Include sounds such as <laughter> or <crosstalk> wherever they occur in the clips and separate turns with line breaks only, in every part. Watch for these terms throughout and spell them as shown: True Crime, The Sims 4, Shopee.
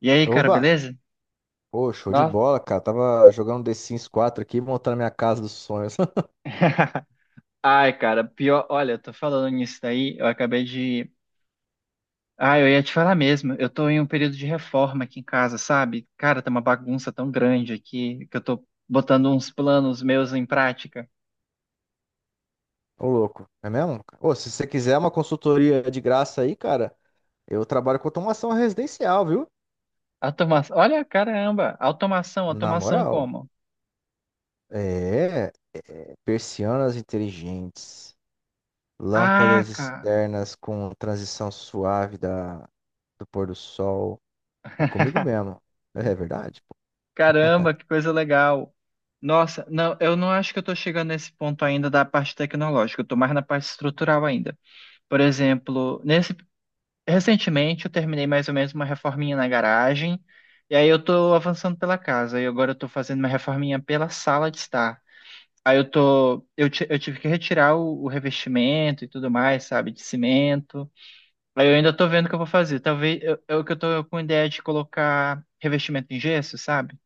E aí, cara,
Oba!
beleza?
Pô, show de
Nossa.
bola, cara. Tava jogando The Sims 4 aqui, montando minha casa dos sonhos. <laughs>
<laughs> Ai, cara, pior. Olha, eu tô falando nisso daí, eu acabei de. Ah, eu ia te falar mesmo. Eu tô em um período de reforma aqui em casa, sabe? Cara, tá uma bagunça tão grande aqui que eu tô botando uns planos meus em prática.
Ô, louco. É mesmo, cara? Ô, se você quiser uma consultoria de graça aí, cara, eu trabalho com automação residencial, viu?
Automação. Olha, caramba, automação,
Na
automação
moral.
como?
É, persianas inteligentes,
Ah,
lâmpadas
cara.
externas com transição suave da, do pôr do sol. É comigo
<laughs>
mesmo. É verdade?
Caramba, que coisa legal. Nossa, não, eu não acho que eu estou chegando nesse ponto ainda da parte tecnológica, eu estou mais na parte estrutural ainda. Por exemplo, nesse recentemente eu terminei mais ou menos uma reforminha na garagem, e aí eu tô avançando pela casa, e agora eu tô fazendo uma reforminha pela sala de estar. Aí eu tô, eu, ti- eu tive que retirar o revestimento e tudo mais, sabe, de cimento. Aí eu ainda tô vendo o que eu vou fazer. Talvez eu tô com ideia de colocar revestimento em gesso, sabe?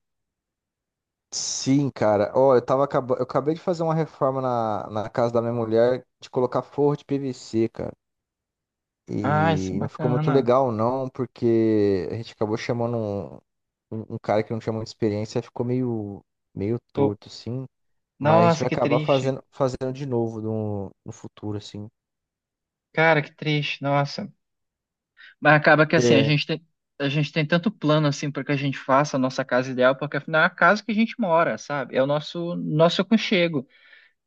Sim, cara. Ó, eu tava eu acabei de fazer uma reforma na casa da minha mulher de colocar forro de PVC, cara.
Ah, isso é
E não ficou muito
bacana.
legal, não, porque a gente acabou chamando um cara que não tinha muita experiência, ficou meio, meio
Tô,
torto, assim. Mas a gente
nossa,
vai
que
acabar
triste.
fazendo de novo no futuro, assim.
Cara, que triste. Nossa. Mas acaba que assim,
É.
a gente tem tanto plano assim para que a gente faça a nossa casa ideal, porque afinal é a casa que a gente mora, sabe? É o nosso nosso aconchego.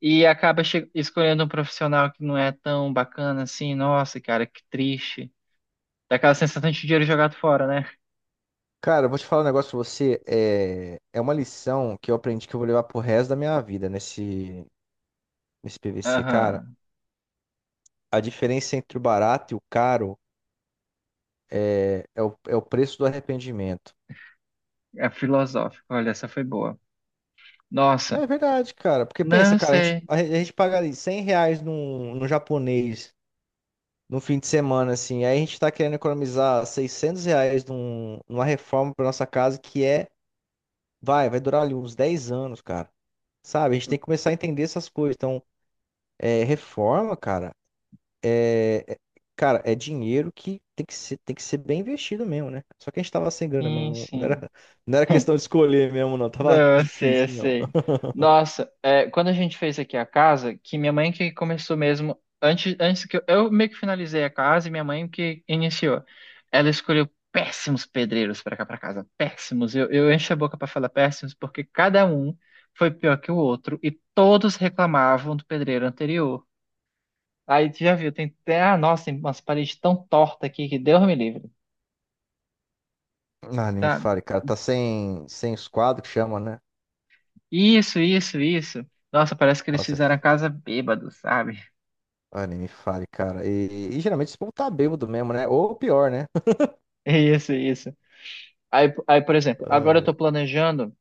E acaba che- escolhendo um profissional que não é tão bacana assim, nossa, cara, que triste. Dá aquela sensação de dinheiro jogado fora, né?
Cara, eu vou te falar um negócio pra você. É, é uma lição que eu aprendi que eu vou levar pro resto da minha vida nesse PVC, cara.
Aham.
A diferença entre o barato e o caro. É o preço do arrependimento.
É filosófico. Olha, essa foi boa. Nossa.
É verdade, cara. Porque pensa,
Não
cara, a gente,
sei.
a gente paga ali R$ 100 num japonês no fim de semana, assim. Aí a gente tá querendo economizar R$ 600 num, numa reforma pra nossa casa que é, vai durar ali uns 10 anos, cara. Sabe? A gente tem que começar a entender essas coisas. Então, é, reforma, cara, é, é- cara, é dinheiro que tem que ser bem investido mesmo, né? Só que a gente tava sem grana mesmo.
Sim,
Não, não
sim.
era, <laughs> não era questão
<laughs>
de escolher mesmo, não. Tava
Não, eu sei, eu
difícil, mesmo.
sei. Nossa, é, quando a gente fez aqui a casa, que minha mãe que começou mesmo, antes que eu meio que finalizei a casa e minha mãe que iniciou. Ela escolheu péssimos pedreiros para cá para casa, péssimos. Eu encho a boca para falar péssimos porque cada um foi pior que o outro e todos reclamavam do pedreiro anterior. Aí tu já viu, tem até, ah, nossa, tem umas paredes tão tortas aqui que Deus me livre,
Ah, nem me
sabe?
fale, cara. Tá sem os quadros que chama, né?
Isso. Nossa, parece que eles
Nossa,
fizeram a casa bêbado, sabe?
ah, nem me fale, cara. E geralmente esse povo tá bêbado mesmo, né? Ou pior, né?
Isso. Aí, por exemplo, agora eu
Ah,
tô planejando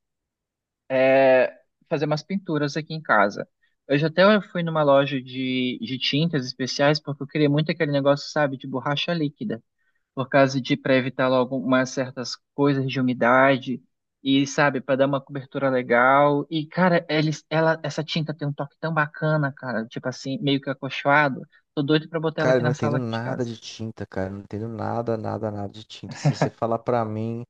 é, fazer umas pinturas aqui em casa. Hoje até eu fui numa loja de tintas especiais porque eu queria muito aquele negócio, sabe, de borracha líquida, por causa de para evitar logo umas certas coisas de umidade e, sabe, para dar uma cobertura legal. E, cara, ela, essa tinta tem um toque tão bacana, cara, tipo assim, meio que acolchoado. Tô doido pra botar ela
cara,
aqui
eu não
na
entendo
sala de
nada
casa.
de tinta, cara. Eu não entendo nada, nada, nada de tinta. Se você falar pra mim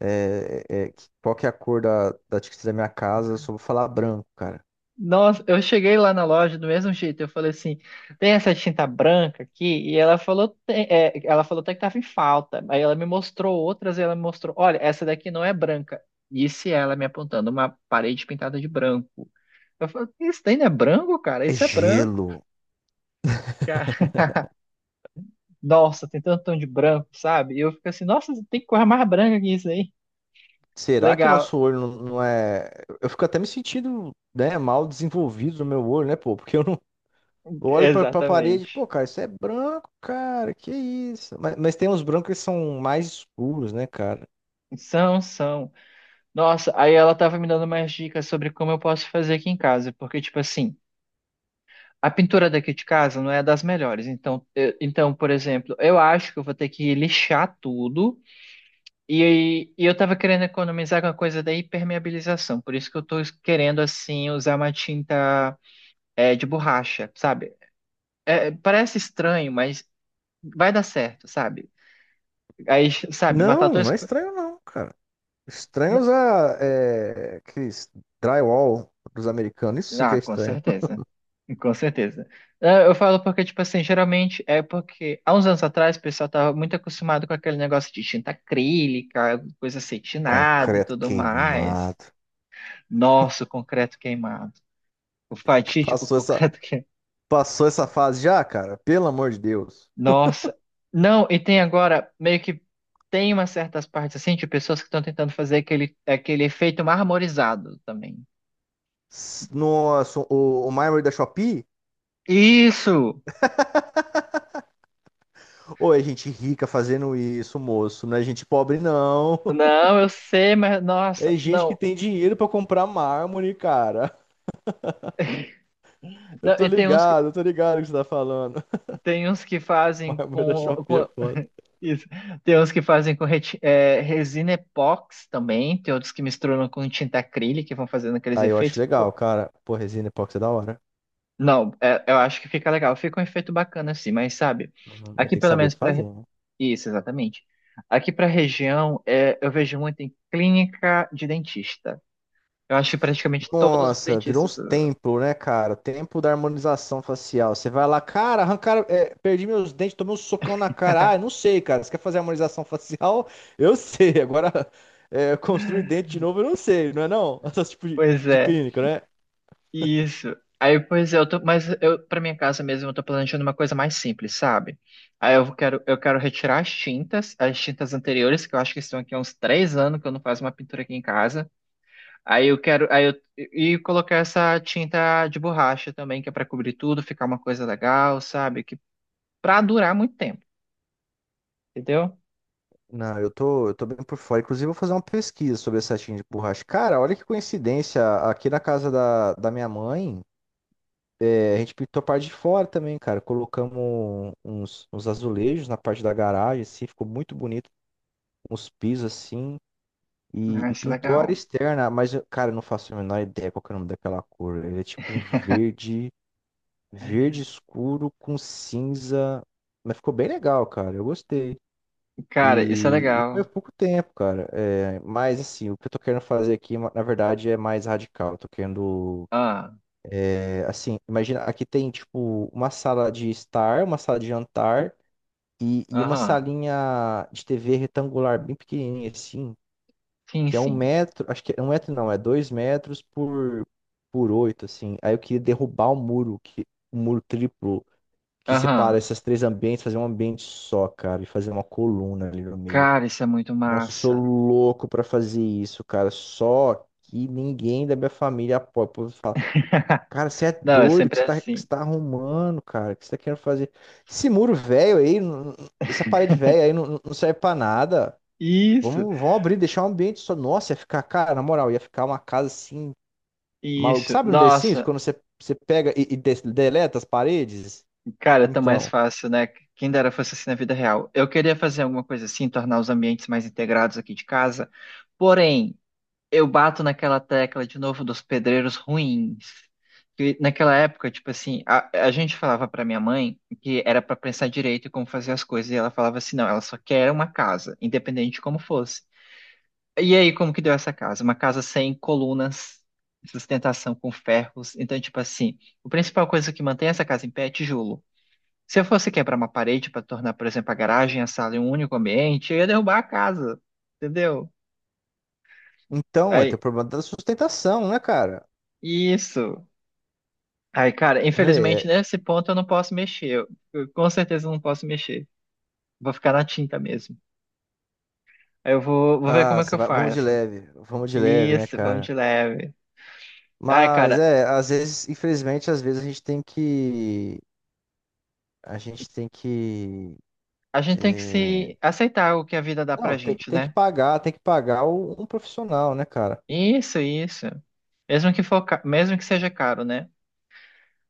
qual que é a cor da tinta da minha casa, eu só vou falar branco, cara.
Nossa, eu cheguei lá na loja do mesmo jeito. Eu falei assim: tem essa tinta branca aqui? E ela falou, "Tem", é, ela falou até que tava em falta. Aí ela me mostrou outras e ela me mostrou: olha, essa daqui não é branca. Disse ela me apontando uma parede pintada de branco. Eu falei: isso daí não é branco, cara?
É
Isso é branco,
gelo.
cara. <laughs> Nossa, tem tanto tom de branco, sabe? E eu fico assim: nossa, tem coisa mais branca que isso aí.
Será que
Legal,
nosso olho não, não é. Eu fico até me sentindo, né, mal desenvolvido no meu olho, né, pô? Porque eu não.
<laughs>
Eu olho pra
exatamente.
parede, pô, cara, isso é branco, cara, que isso? Mas tem uns brancos que são mais escuros, né, cara?
São, são. Nossa, aí ela tava me dando mais dicas sobre como eu posso fazer aqui em casa, porque, tipo assim, a pintura daqui de casa não é das melhores. Então, então, por exemplo, eu acho que eu vou ter que lixar tudo. E, e eu tava querendo economizar com a coisa da impermeabilização, por isso que eu tô querendo, assim, usar uma tinta de borracha, sabe? É, parece estranho, mas vai dar certo, sabe? Aí, sabe, matar
Não,
todas.
não é estranho não, cara. Estranho usar é, aqueles drywall dos americanos, isso sim que
Ah,
é
com
estranho.
certeza. Com certeza. É, eu falo porque, tipo assim, geralmente é porque há uns anos atrás o pessoal tava muito acostumado com aquele negócio de tinta acrílica, coisa acetinada e
Concreto
tudo mais.
queimado.
Nossa, o concreto queimado. O fatídico <laughs>
Passou essa,
concreto queimado.
passou essa fase já, cara? Pelo amor de Deus.
Nossa. Não, e tem agora, meio que tem umas certas partes assim de pessoas que estão tentando fazer aquele efeito marmorizado também.
Nossa, o mármore da Shopee?
Isso!
Ou é gente rica fazendo isso, moço? Não é gente pobre, não. <laughs>
Não, eu sei, mas
É
nossa,
gente que
não.
tem dinheiro pra comprar mármore, cara.
Não, e tem uns
Eu tô ligado o que você tá falando.
Tem uns que
<laughs> Mas
fazem
mas da chope é foda.
isso. Tem uns que fazem com resina epox também, tem outros que misturam com tinta acrílica e vão fazendo aqueles
Aí eu acho
efeitos.
legal,
Pô,
cara. Pô, resina epóxi é da hora.
não, é- eu acho que fica legal, fica um efeito bacana assim, mas sabe,
Uhum. Mas
aqui
tem que
pelo
saber
menos para
fazer, né?
isso, exatamente. Aqui para a região, é, eu vejo muito em clínica de dentista. Eu acho que praticamente todos os
Nossa, virou
dentistas.
uns templos, né, cara? Templo da harmonização facial. Você vai lá, cara, arrancaram, é, perdi meus dentes, tomei um socão na cara. Ah, eu não sei, cara. Você quer fazer harmonização facial? <laughs> Eu sei. Agora, é, construir dente de novo, eu não sei, não é não? <laughs> Essas tipo de,
Pois
de
é.
clínica, né?
Isso. Aí, pois é, eu tô, mas eu para minha casa mesmo eu tô planejando uma coisa mais simples, sabe? Aí eu quero retirar as tintas anteriores que eu acho que estão aqui há uns 3 anos que eu não faço uma pintura aqui em casa. Aí eu quero aí eu e colocar essa tinta de borracha também que é para cobrir tudo, ficar uma coisa legal, sabe? Que para durar muito tempo, entendeu?
Não, eu tô bem por fora. Inclusive, eu vou fazer uma pesquisa sobre essa tinta de borracha. Cara, olha que coincidência. Aqui na casa da minha mãe, é, a gente pintou a parte de fora também, cara. Colocamos uns azulejos na parte da garagem, assim, ficou muito bonito. Uns pisos, assim. E,
Ah,
e
isso é
pintou a área
legal.
externa, mas, eu- cara, eu não faço a menor ideia qual que é o nome daquela cor. Ele é tipo um verde, verde escuro com cinza. Mas ficou bem legal, cara. Eu gostei.
Cara, isso é
E foi há
legal.
pouco tempo, cara. É, mas, assim, o que eu tô querendo fazer aqui, na verdade, é mais radical. Eu tô querendo.
Ah,
É, assim, imagina, aqui tem, tipo, uma sala de estar, uma sala de jantar e uma
aham.
salinha de TV retangular, bem pequenininha, assim,
Sim,
que é um
sim.
metro. Acho que é 1 metro, não, é 2 metros por 8, assim. Aí eu queria derrubar o muro triplo que separa
Aham.
esses três ambientes, fazer um ambiente só, cara, e fazer uma coluna ali no meio.
Cara, isso é muito
Nossa, eu sou
massa.
louco pra fazer isso, cara. Só que ninguém da minha família apoia. O povo fala,
<laughs>
cara, você é
Não, é
doido, o que
sempre
você tá, o que você
assim.
tá arrumando, cara? O que você tá querendo fazer? Esse muro velho aí, essa parede velha aí não serve pra nada.
Isso,
Vamos abrir, deixar um ambiente só. Nossa, ia ficar, cara, na moral, ia ficar uma casa assim, maluco.
isso.
Sabe no The Sims,
Nossa,
quando você pega deleta as paredes?
cara, tão mais
Então,
fácil, né? Quem dera fosse assim na vida real. Eu queria fazer alguma coisa assim, tornar os ambientes mais integrados aqui de casa. Porém, eu bato naquela tecla de novo dos pedreiros ruins. Que naquela época, tipo assim, a gente falava pra minha mãe que era pra pensar direito em como fazer as coisas, e ela falava assim, não, ela só quer uma casa, independente de como fosse. E aí, como que deu essa casa? Uma casa sem colunas, sustentação com ferros. Então, tipo assim, a principal coisa que mantém essa casa em pé é tijolo. Se eu fosse quebrar uma parede para tornar, por exemplo, a garagem, a sala em um único ambiente, eu ia derrubar a casa, entendeu?
então, é, ter o
Aí,
problema da sustentação, né, cara?
isso. Aí, cara, infelizmente
É,
nesse ponto eu não posso mexer. Eu com certeza não posso mexer. Vou ficar na tinta mesmo. Aí vou ver como
Ah,
é que eu faço.
vamos de leve, né,
Isso, vamos
cara?
de leve. Ai,
Mas
cara,
é, às vezes, infelizmente, às vezes a gente tem que, a gente tem que,
a gente tem que
é,
se aceitar o que a vida dá
não,
pra gente, né?
tem que pagar um profissional, né, cara?
Isso, isso. Mesmo que for, mesmo que seja caro, né?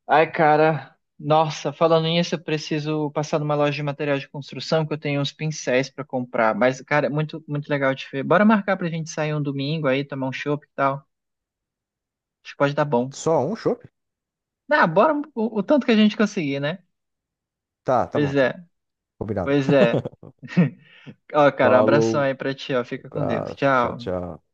Ai, cara, nossa, falando nisso, eu preciso passar numa loja de material de construção que eu tenho uns pincéis pra comprar. Mas, cara, é muito legal de ver. Bora marcar pra gente sair um domingo aí, tomar um chopp e tal. Acho que pode dar bom.
Só um chopp?
Ah, bora um, o tanto que a gente conseguir, né?
Tá, tá bom,
Pois
então,
é,
combinado.
pois é. <laughs> Ó, cara, um abração
Falou,
aí pra ti, ó. Fica com Deus.
abraço, tchau,
Tchau.
tchau.